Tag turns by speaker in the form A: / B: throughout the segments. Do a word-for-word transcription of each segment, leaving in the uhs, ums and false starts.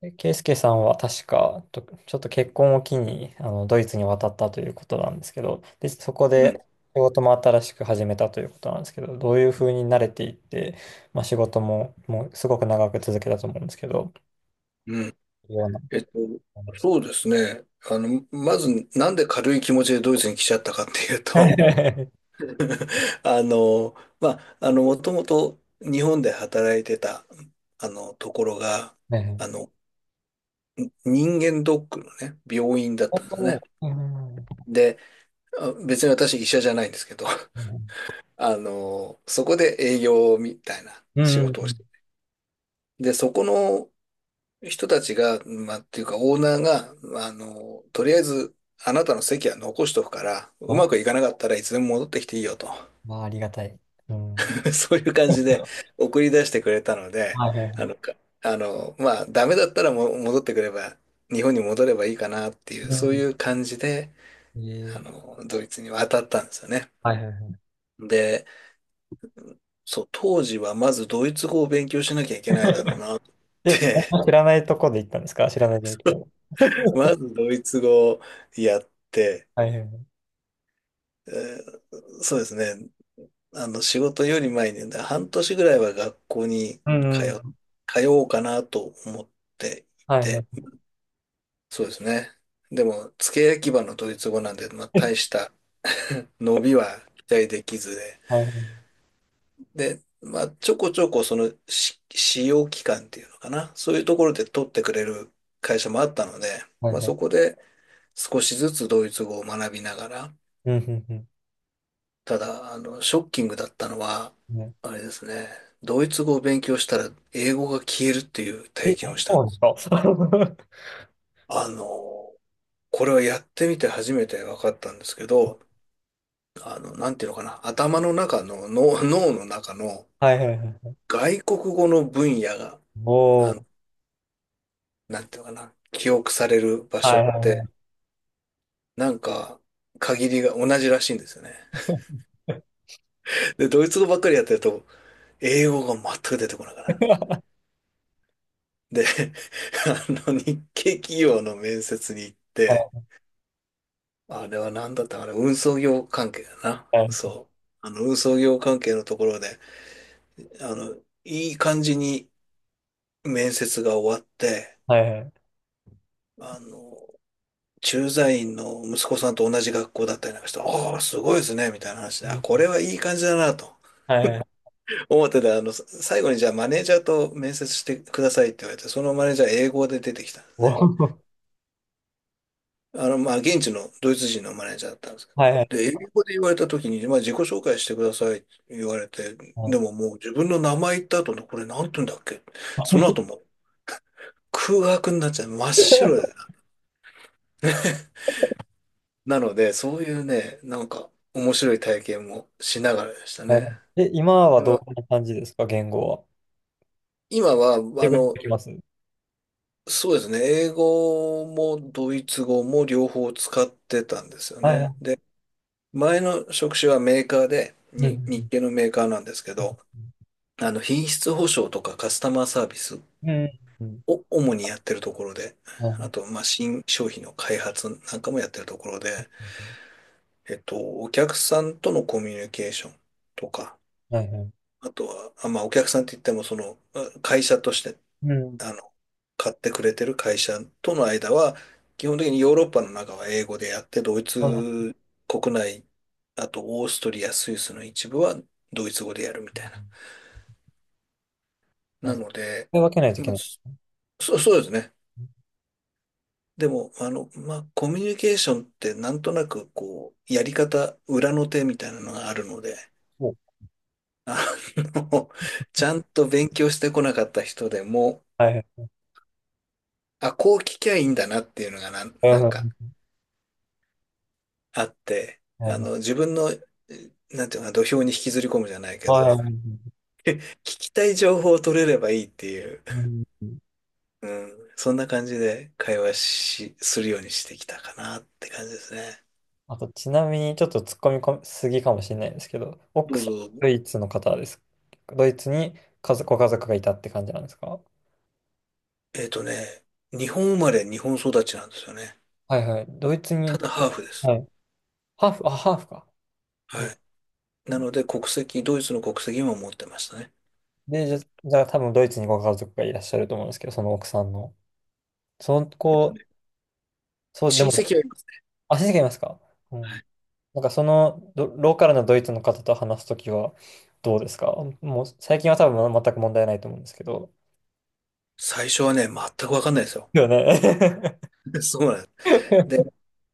A: でケイスケさんは確か、とちょっと結婚を機に、あの、ドイツに渡ったということなんですけど、で、そこ
B: うん、
A: で仕事も新しく始めたということなんですけど、どういうふうに慣れていって、まあ、仕事も、もうすごく長く続けたと思うんですけど、
B: うん。
A: ような
B: えっと、
A: 思いました。
B: そうですね。あの、まず、なんで軽い気持ちでドイツに来ちゃったかっていうと、あの、まあ、あの、もともと日本で働いてた、あの、ところが、
A: ね
B: あ
A: え。
B: の、人間ドックのね、病院だったんです
A: お
B: ね。
A: ー、うんうん。
B: で、あ別に私医者じゃないんですけど、あの、そこで営業みたいな
A: う
B: 仕
A: んう
B: 事をし
A: ん。
B: て、で、そこの人たちが、まあ、っていうか、オーナーが、まああの、とりあえず、あなたの席は残しとくから、う
A: あ、
B: まくいかなかったらいつでも戻ってきていいよと。
A: まあ、ありがたい。うん。
B: そういう感
A: は
B: じ
A: い
B: で送り出してくれたので、
A: はいは
B: あの、
A: い。
B: かあの、まあ、ダメだったらも戻ってくれば、日本に戻ればいいかなっていう、
A: う
B: そうい
A: ん。
B: う感じで、あ
A: ええ。
B: の、ドイツに渡ったんですよね。
A: はいはいはい。
B: で、そう、当時はまずドイツ語を勉強しなきゃいけないだろうなっ
A: で、
B: て、
A: 知らないとこで行ったんですか？知らない状況。
B: まずドイツ語をやって、
A: はいはいはい。
B: えーそうですね。あの、仕事より前にね、半年ぐらいは学校に
A: うんう
B: 通、
A: ん。
B: 通おうかなと思ってい
A: はいは
B: て、
A: い。
B: そうですね。でも、付け焼き場のドイツ語なんで、まあ、大した 伸びは期待できずで、
A: はいはい。
B: で、まあ、ちょこちょこそのし使用期間っていうのかな、そういうところで取ってくれる会社もあったので、
A: はい
B: まあ、
A: はい。
B: そこで少しずつドイツ語を学びながら、
A: うん、うん、
B: ただ、あの、ショッキングだったのは、
A: うん。ね。
B: あれですね、ドイツ語を勉強したら英語が消えるっていう体
A: え、
B: 験を
A: あ、
B: したん
A: そう
B: です。
A: なんですか？
B: あの、これはやってみて初めて分かったんですけど、あの、なんていうのかな、頭の中の、脳、脳の中の
A: はいはいはい。
B: 外国語の分野が、
A: お
B: あの、
A: ー。
B: なんていうのかな、記憶される場
A: は
B: 所っ
A: いはいは
B: て、
A: い。
B: なんか、限りが同じらしいんですよね。で、ドイツ語ばっかりやってると、英語が全く出てこなくなる。で、あの、日系企業の面接に行っ
A: は
B: て、
A: い
B: あれは何だったかな、運送業関係だな。
A: はい
B: そう。あの、運送業関係のところで、あの、いい感じに面接が終わって、
A: はいはい。
B: あの、駐在員の息子さんと同じ学校だったりなんかして、ああ、すごいですね、みたいな話で、
A: う
B: あ、
A: ん。
B: これはいい感じだなと
A: はいはい。
B: 思ってた。あの、最後にじゃあマネージャーと面接してくださいって言われて、そのマネージャー英語で出てきたんです
A: お
B: ね。
A: ー。
B: あの、まあ、現地のドイツ人のマネージャーだったんですけ
A: は
B: ど、
A: いはい
B: で、英語で言われた時に、まあ、自己紹介してくださいって言われて、
A: は
B: で
A: い。
B: ももう自分の名前言った後の、これなんて言うんだっけ、
A: は
B: その
A: い
B: 後もう空白になっちゃう。真っ白で。なので、そういうね、なんか面白い体験もしながらでした
A: は
B: ね。
A: い。 え、今は
B: で
A: どん
B: も
A: な感じですか、言語は。
B: 今は、
A: 英
B: あ
A: 語にで
B: の、
A: きます？
B: そうですね、英語もドイツ語も両方使ってたんですよ
A: はいは
B: ね。
A: い。
B: で、前の職種はメーカーで、
A: う
B: に、日
A: ん。
B: 系のメーカーなんですけ
A: う
B: ど、
A: ん。
B: あの、品質保証とかカスタマーサービス
A: うん。
B: を主にやってるところで、
A: う
B: あ
A: ん。
B: と、まあ、新商品の開発なんかもやってるところで、えっと、お客さんとのコミュニケーションとか、
A: はいはい。
B: あとは、あまあ、お客さんって言っても、その、まあ会社として、
A: うん。
B: あの、買ってくれてる会社との間は、基本的にヨーロッパの中は英語でやって、ドイ
A: はいはい。
B: ツ国内、あとオーストリア、スイスの一部はドイツ語でやるみたいな。
A: は
B: な
A: い。
B: ので、
A: 分けないといけ
B: まあ、
A: ない。
B: そそうですね。でも、あの、まあ、コミュニケーションってなんとなくこう、やり方、裏の手みたいなのがあるので、
A: そう。
B: あの、ちゃんと勉強してこなかった人でも、
A: はいはい。
B: あ、こう聞きゃいいんだなっていうのがなん、
A: はい
B: なん
A: は
B: か
A: い。
B: あって、
A: はい
B: あ
A: はい。
B: の、自分の、えなんていうのかな、土俵に引きずり込むじゃないけど、
A: はいは
B: 聞
A: い。
B: きたい情報を取れればいいっていう、
A: うん。
B: うん、そんな感じで会話し、するようにしてきたかなって感じですね。
A: あと、ちなみにちょっと突っ込みこすぎかもしれないんですけど、
B: ど
A: 奥
B: う
A: さん、
B: ぞ、
A: ドイツの方です？ドイツに家族、ご家族がいたって感じなんですか？
B: えっとね、日本生まれ、日本育ちなんですよね。
A: はいはい。ドイツ
B: た
A: に、
B: だハーフです。
A: はい。ハーフ、あ、ハーフか。う
B: は
A: ん。
B: い。なので国籍、ドイツの国籍も持ってましたね。
A: で、じゃ、じゃあ多分ドイツにご家族がいらっしゃると思うんですけど、その奥さんの。その子、そう、で
B: 親
A: も、
B: 戚はいます。
A: あ、先生がいますか？う
B: は
A: ん。
B: い。
A: なんかそのどローカルなドイツの方と話すときはどうですか？もう最近は多分全く問題ないと思うんですけど。
B: 最初はね、全くわかんないですよ。
A: よね。
B: そうなんです。で、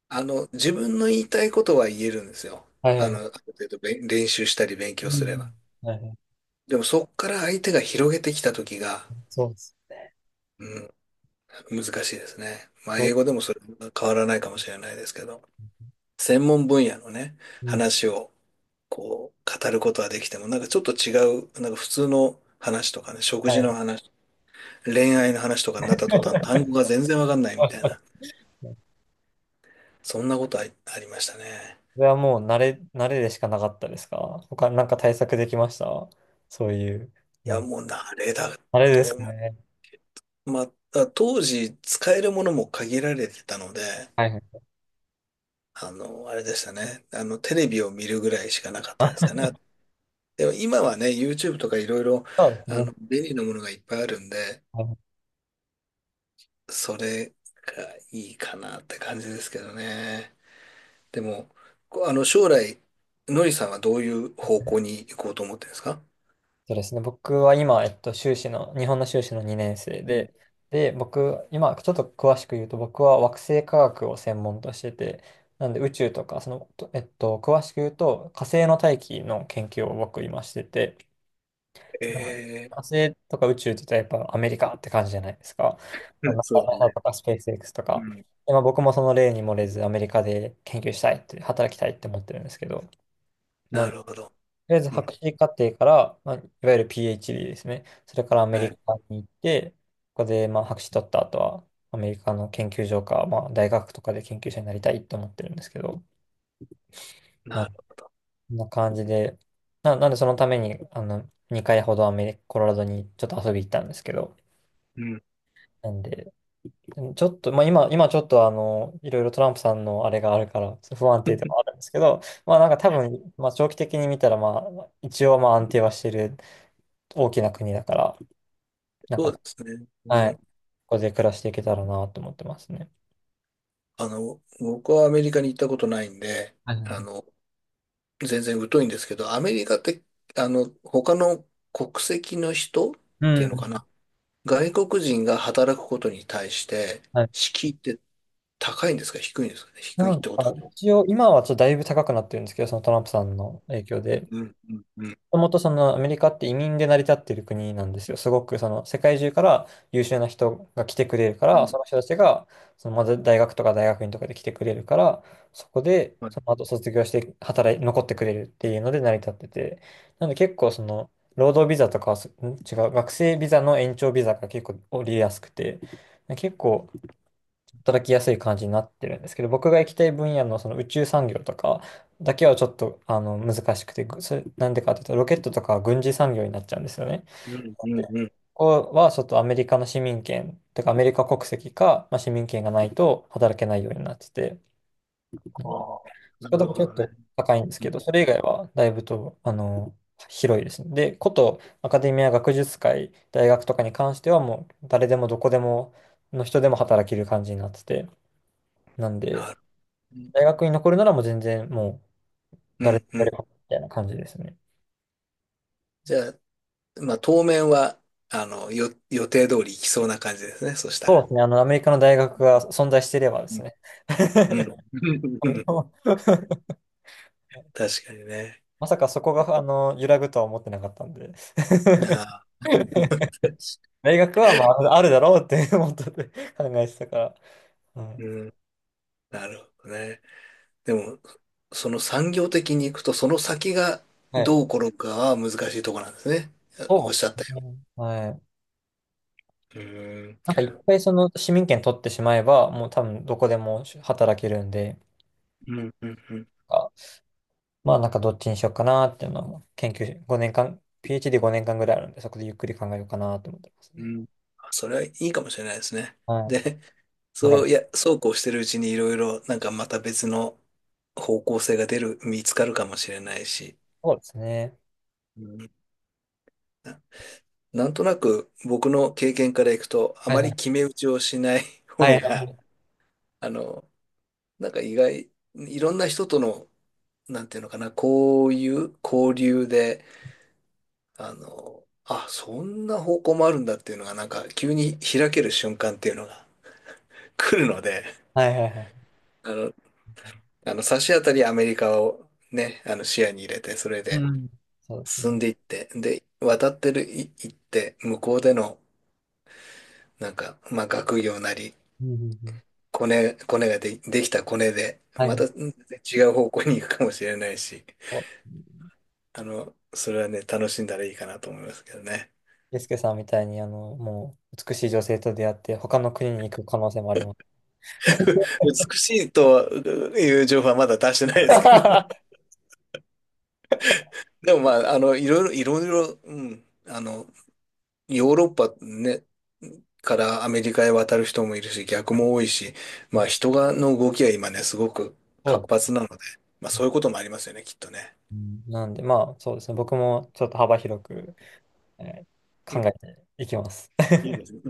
B: あの、自分の言いたいことは言えるんですよ。
A: はい
B: あ
A: は
B: の、ある
A: い。
B: 程度べん練習したり勉強
A: う
B: すれば。
A: ん。はいはい。
B: でもそっから相手が広げてきた時が、
A: そうです。
B: うん、難しいですね。まあ
A: お。
B: 英語でもそれは変わらないかもしれないですけど、専門分野のね、
A: うん。
B: 話をこう、語ることはできても、なんかちょっと違う、なんか普通の話とかね、食
A: はい
B: 事
A: は
B: の
A: い。
B: 話、恋愛の話とかになった途端、単語が全然わかんないみたいな、そんなことあり、ありましたね。
A: それはもう慣れ、慣れでしかなかったですか？他なんか対策できました？そういう、
B: い
A: なん
B: や、
A: か、
B: もう慣れだ
A: あれです
B: と、
A: かね。
B: まあ、当時使えるものも限られてたので、
A: はいはい。
B: あの、あれでしたね。あの、テレビを見るぐらいしかなかったです
A: あ、
B: かね。でも今はね、ユーチューブ とかいろいろ、
A: そうです
B: あの、
A: ね。
B: 便利なものがいっぱいあるんで、
A: はい。
B: それがいいかなって感じですけどね。でも、こあの、将来、のりさんはどういう方向に行こうと思ってるんですか？
A: そうですね。僕は今、えっと、修士の、日本の修士のにねん生
B: うん。
A: で、で、僕、今、ちょっと詳しく言うと、僕は惑星科学を専門としてて、なんで宇宙とか、その、とえっと、詳しく言うと、火星の大気の研究を僕今してて、はい。
B: ええ。
A: 火星とか宇宙って言ったらやっぱアメリカって感じじゃないですか。まあ
B: うん、
A: の、
B: そうですね。
A: ナメとかスペース X と
B: う
A: か。
B: ん。
A: でまあ、僕もその例に漏れずアメリカで研究したいって、働きたいって思ってるんですけど、な
B: な
A: んで、と
B: るほど。
A: りあえず
B: う
A: 博
B: ん。
A: 士課程から、まあ、いわゆる PhD ですね。それからアメ
B: は
A: リ
B: い。
A: カに行って、ここでまあ博士取った後はアメリカの研究所か、まあ、大学とかで研究者になりたいって思ってるんですけど、な、
B: な
A: こ
B: るほ
A: んな感じで、な、なんでそのためにあのにかいほどアメリカ、コロラドにちょっと遊び行ったんですけど、
B: ど。うん。
A: なんで、でもちょっと、まあ、今、今ちょっとあの、いろいろトランプさんのあれがあるから、不安定では あるんですけど、まあなんか多分、まあ長期的に見たら、まあ、一応まあ安定はしてる大きな国だから、なん
B: そ
A: か、
B: うですね。
A: は
B: う
A: い、
B: ん。
A: ここで暮らしていけたらなと思ってますね。
B: あの、僕はアメリカに行ったことないんで、
A: はいはいは
B: あ
A: い。
B: の、全然疎いんですけど、アメリカって、あの、他の国籍の人っ
A: う
B: ていうのか
A: ん。
B: な。外国人が働くことに対して、
A: はい。
B: 敷居って高いんですか、低いんですかね、低
A: な
B: いっ
A: んか、
B: てことはね。
A: 一応、今はちょっとだいぶ高くなってるんですけど、そのトランプさんの影響で。
B: うん、うん、うん。
A: もともとそのアメリカって移民で成り立っている国なんですよ。すごくその世界中から優秀な人が来てくれるか
B: う
A: ら、
B: ん
A: その人たちがそのまず大学とか大学院とかで来てくれるから、そこでその後卒業して働い、残ってくれるっていうので成り立ってて、なので結構その労働ビザとかはす、ん違う、学生ビザの延長ビザが結構降りやすくて、結構働きやすい感じになってるんですけど、僕が行きたい分野のその宇宙産業とかだけはちょっとあの難しくて、ぐそれなんでかっていうと、ロケットとかは軍事産業になっちゃうんですよね。
B: うん、う
A: で、
B: ん、うん。
A: ここはちょっとアメリカの市民権とかアメリカ国籍か、まあ、市民権がないと働けないようになってて、う
B: あ
A: ん、
B: あ、
A: そ
B: な
A: こだ
B: る
A: け
B: ほ
A: ちょっ
B: どね。
A: と高いんです
B: う
A: けど、
B: ん、
A: それ以外はだいぶとあの広いですね。で、ことアカデミア学術会、大学とかに関してはもう誰でもどこでもの人でも働ける感じになってて、なん
B: な
A: で、
B: る。
A: 大学に残るならもう全然もう
B: う
A: 誰で
B: ん、う
A: もや
B: ん。
A: ればみたいな感じですね。
B: じゃあ、まあ、当面は、あの、よ、予定通り行きそうな感じですね。そした
A: そうで
B: ら。
A: すね。あの、アメリカの大学が存在していればで
B: う
A: す
B: ん。
A: ね。
B: うん。
A: 今 後。
B: 確かにね。
A: まさかそこが、あの、揺らぐとは思ってなかったんで。
B: ああ。
A: 大学は、まあ、あるだろうって思ってて 考えてたから。はい。
B: うん。なるほどね。でも、その産業的に行くと、その先が
A: はい。
B: どう転ぶかは難しいところなんですね。おっ
A: そう
B: しゃっ
A: で
B: た
A: す
B: よ
A: ね。はい。
B: うに、
A: なんか一回その市民権取ってしまえば、もう多分どこでも働けるんで。
B: うんうんうんうん
A: まあなんかどっちにしようかなっていうのを研究し、ごねんかん、PhD ごねんかんぐらいあるんで、そこでゆっくり考えようかなと思ってます
B: う
A: ね。
B: ん、あそれれはいいいかもしれなでですね、
A: はい。
B: で、
A: ドラゴ
B: そう、いや、
A: ン。
B: そうこうしてるうちにいろいろ、なんかまた別の方向性が出る、見つかるかもしれないし、
A: そうですね。
B: うんななんとなく僕の経験からいくと、あ
A: はい
B: ま
A: は
B: り
A: い。
B: 決め打ちをしない
A: は
B: 方
A: い
B: が、あの、なんか意外、いろんな人との、なんていうのかな、こういう交流で、あの、あ、そんな方向もあるんだっていうのが、なんか急に開ける瞬間っていうのが 来るので、
A: はいはいはいはい。
B: あの、あの差し当たりアメリカをね、あの視野に入れて、それ
A: う
B: で、
A: ん。そうです
B: 進ん
A: ね。
B: でいって、で、渡ってる、い、行って、向こうでの、なんか、まあ、学業なり、
A: うんうんうん。
B: コネ、コネがで、できたコネで、
A: はい
B: ま
A: は
B: た
A: い。
B: うん違う方向に行くかもしれないし、
A: お。
B: あの、それはね、楽しんだらいいかなと思いますけどね。
A: ゆうすけさんみたいに、あの、もう美しい女性と出会って、他の国に行く可能性もあります。
B: 美しいという情報はまだ出してないですけど、でもまあ、あの、いろいろ、いろいろ、うん、あの、ヨーロッパね、からアメリカへ渡る人もいるし、逆も多いし、
A: う
B: まあ
A: ん。
B: 人がの動きは今ね、すごく
A: そう
B: 活
A: で
B: 発なので、まあ
A: すね。
B: そういうこともありますよね、きっとね。
A: うん。なんで、まあそうですね。僕もちょっと幅広く、えー
B: う
A: 考
B: ん、
A: えていきます。
B: いいですね。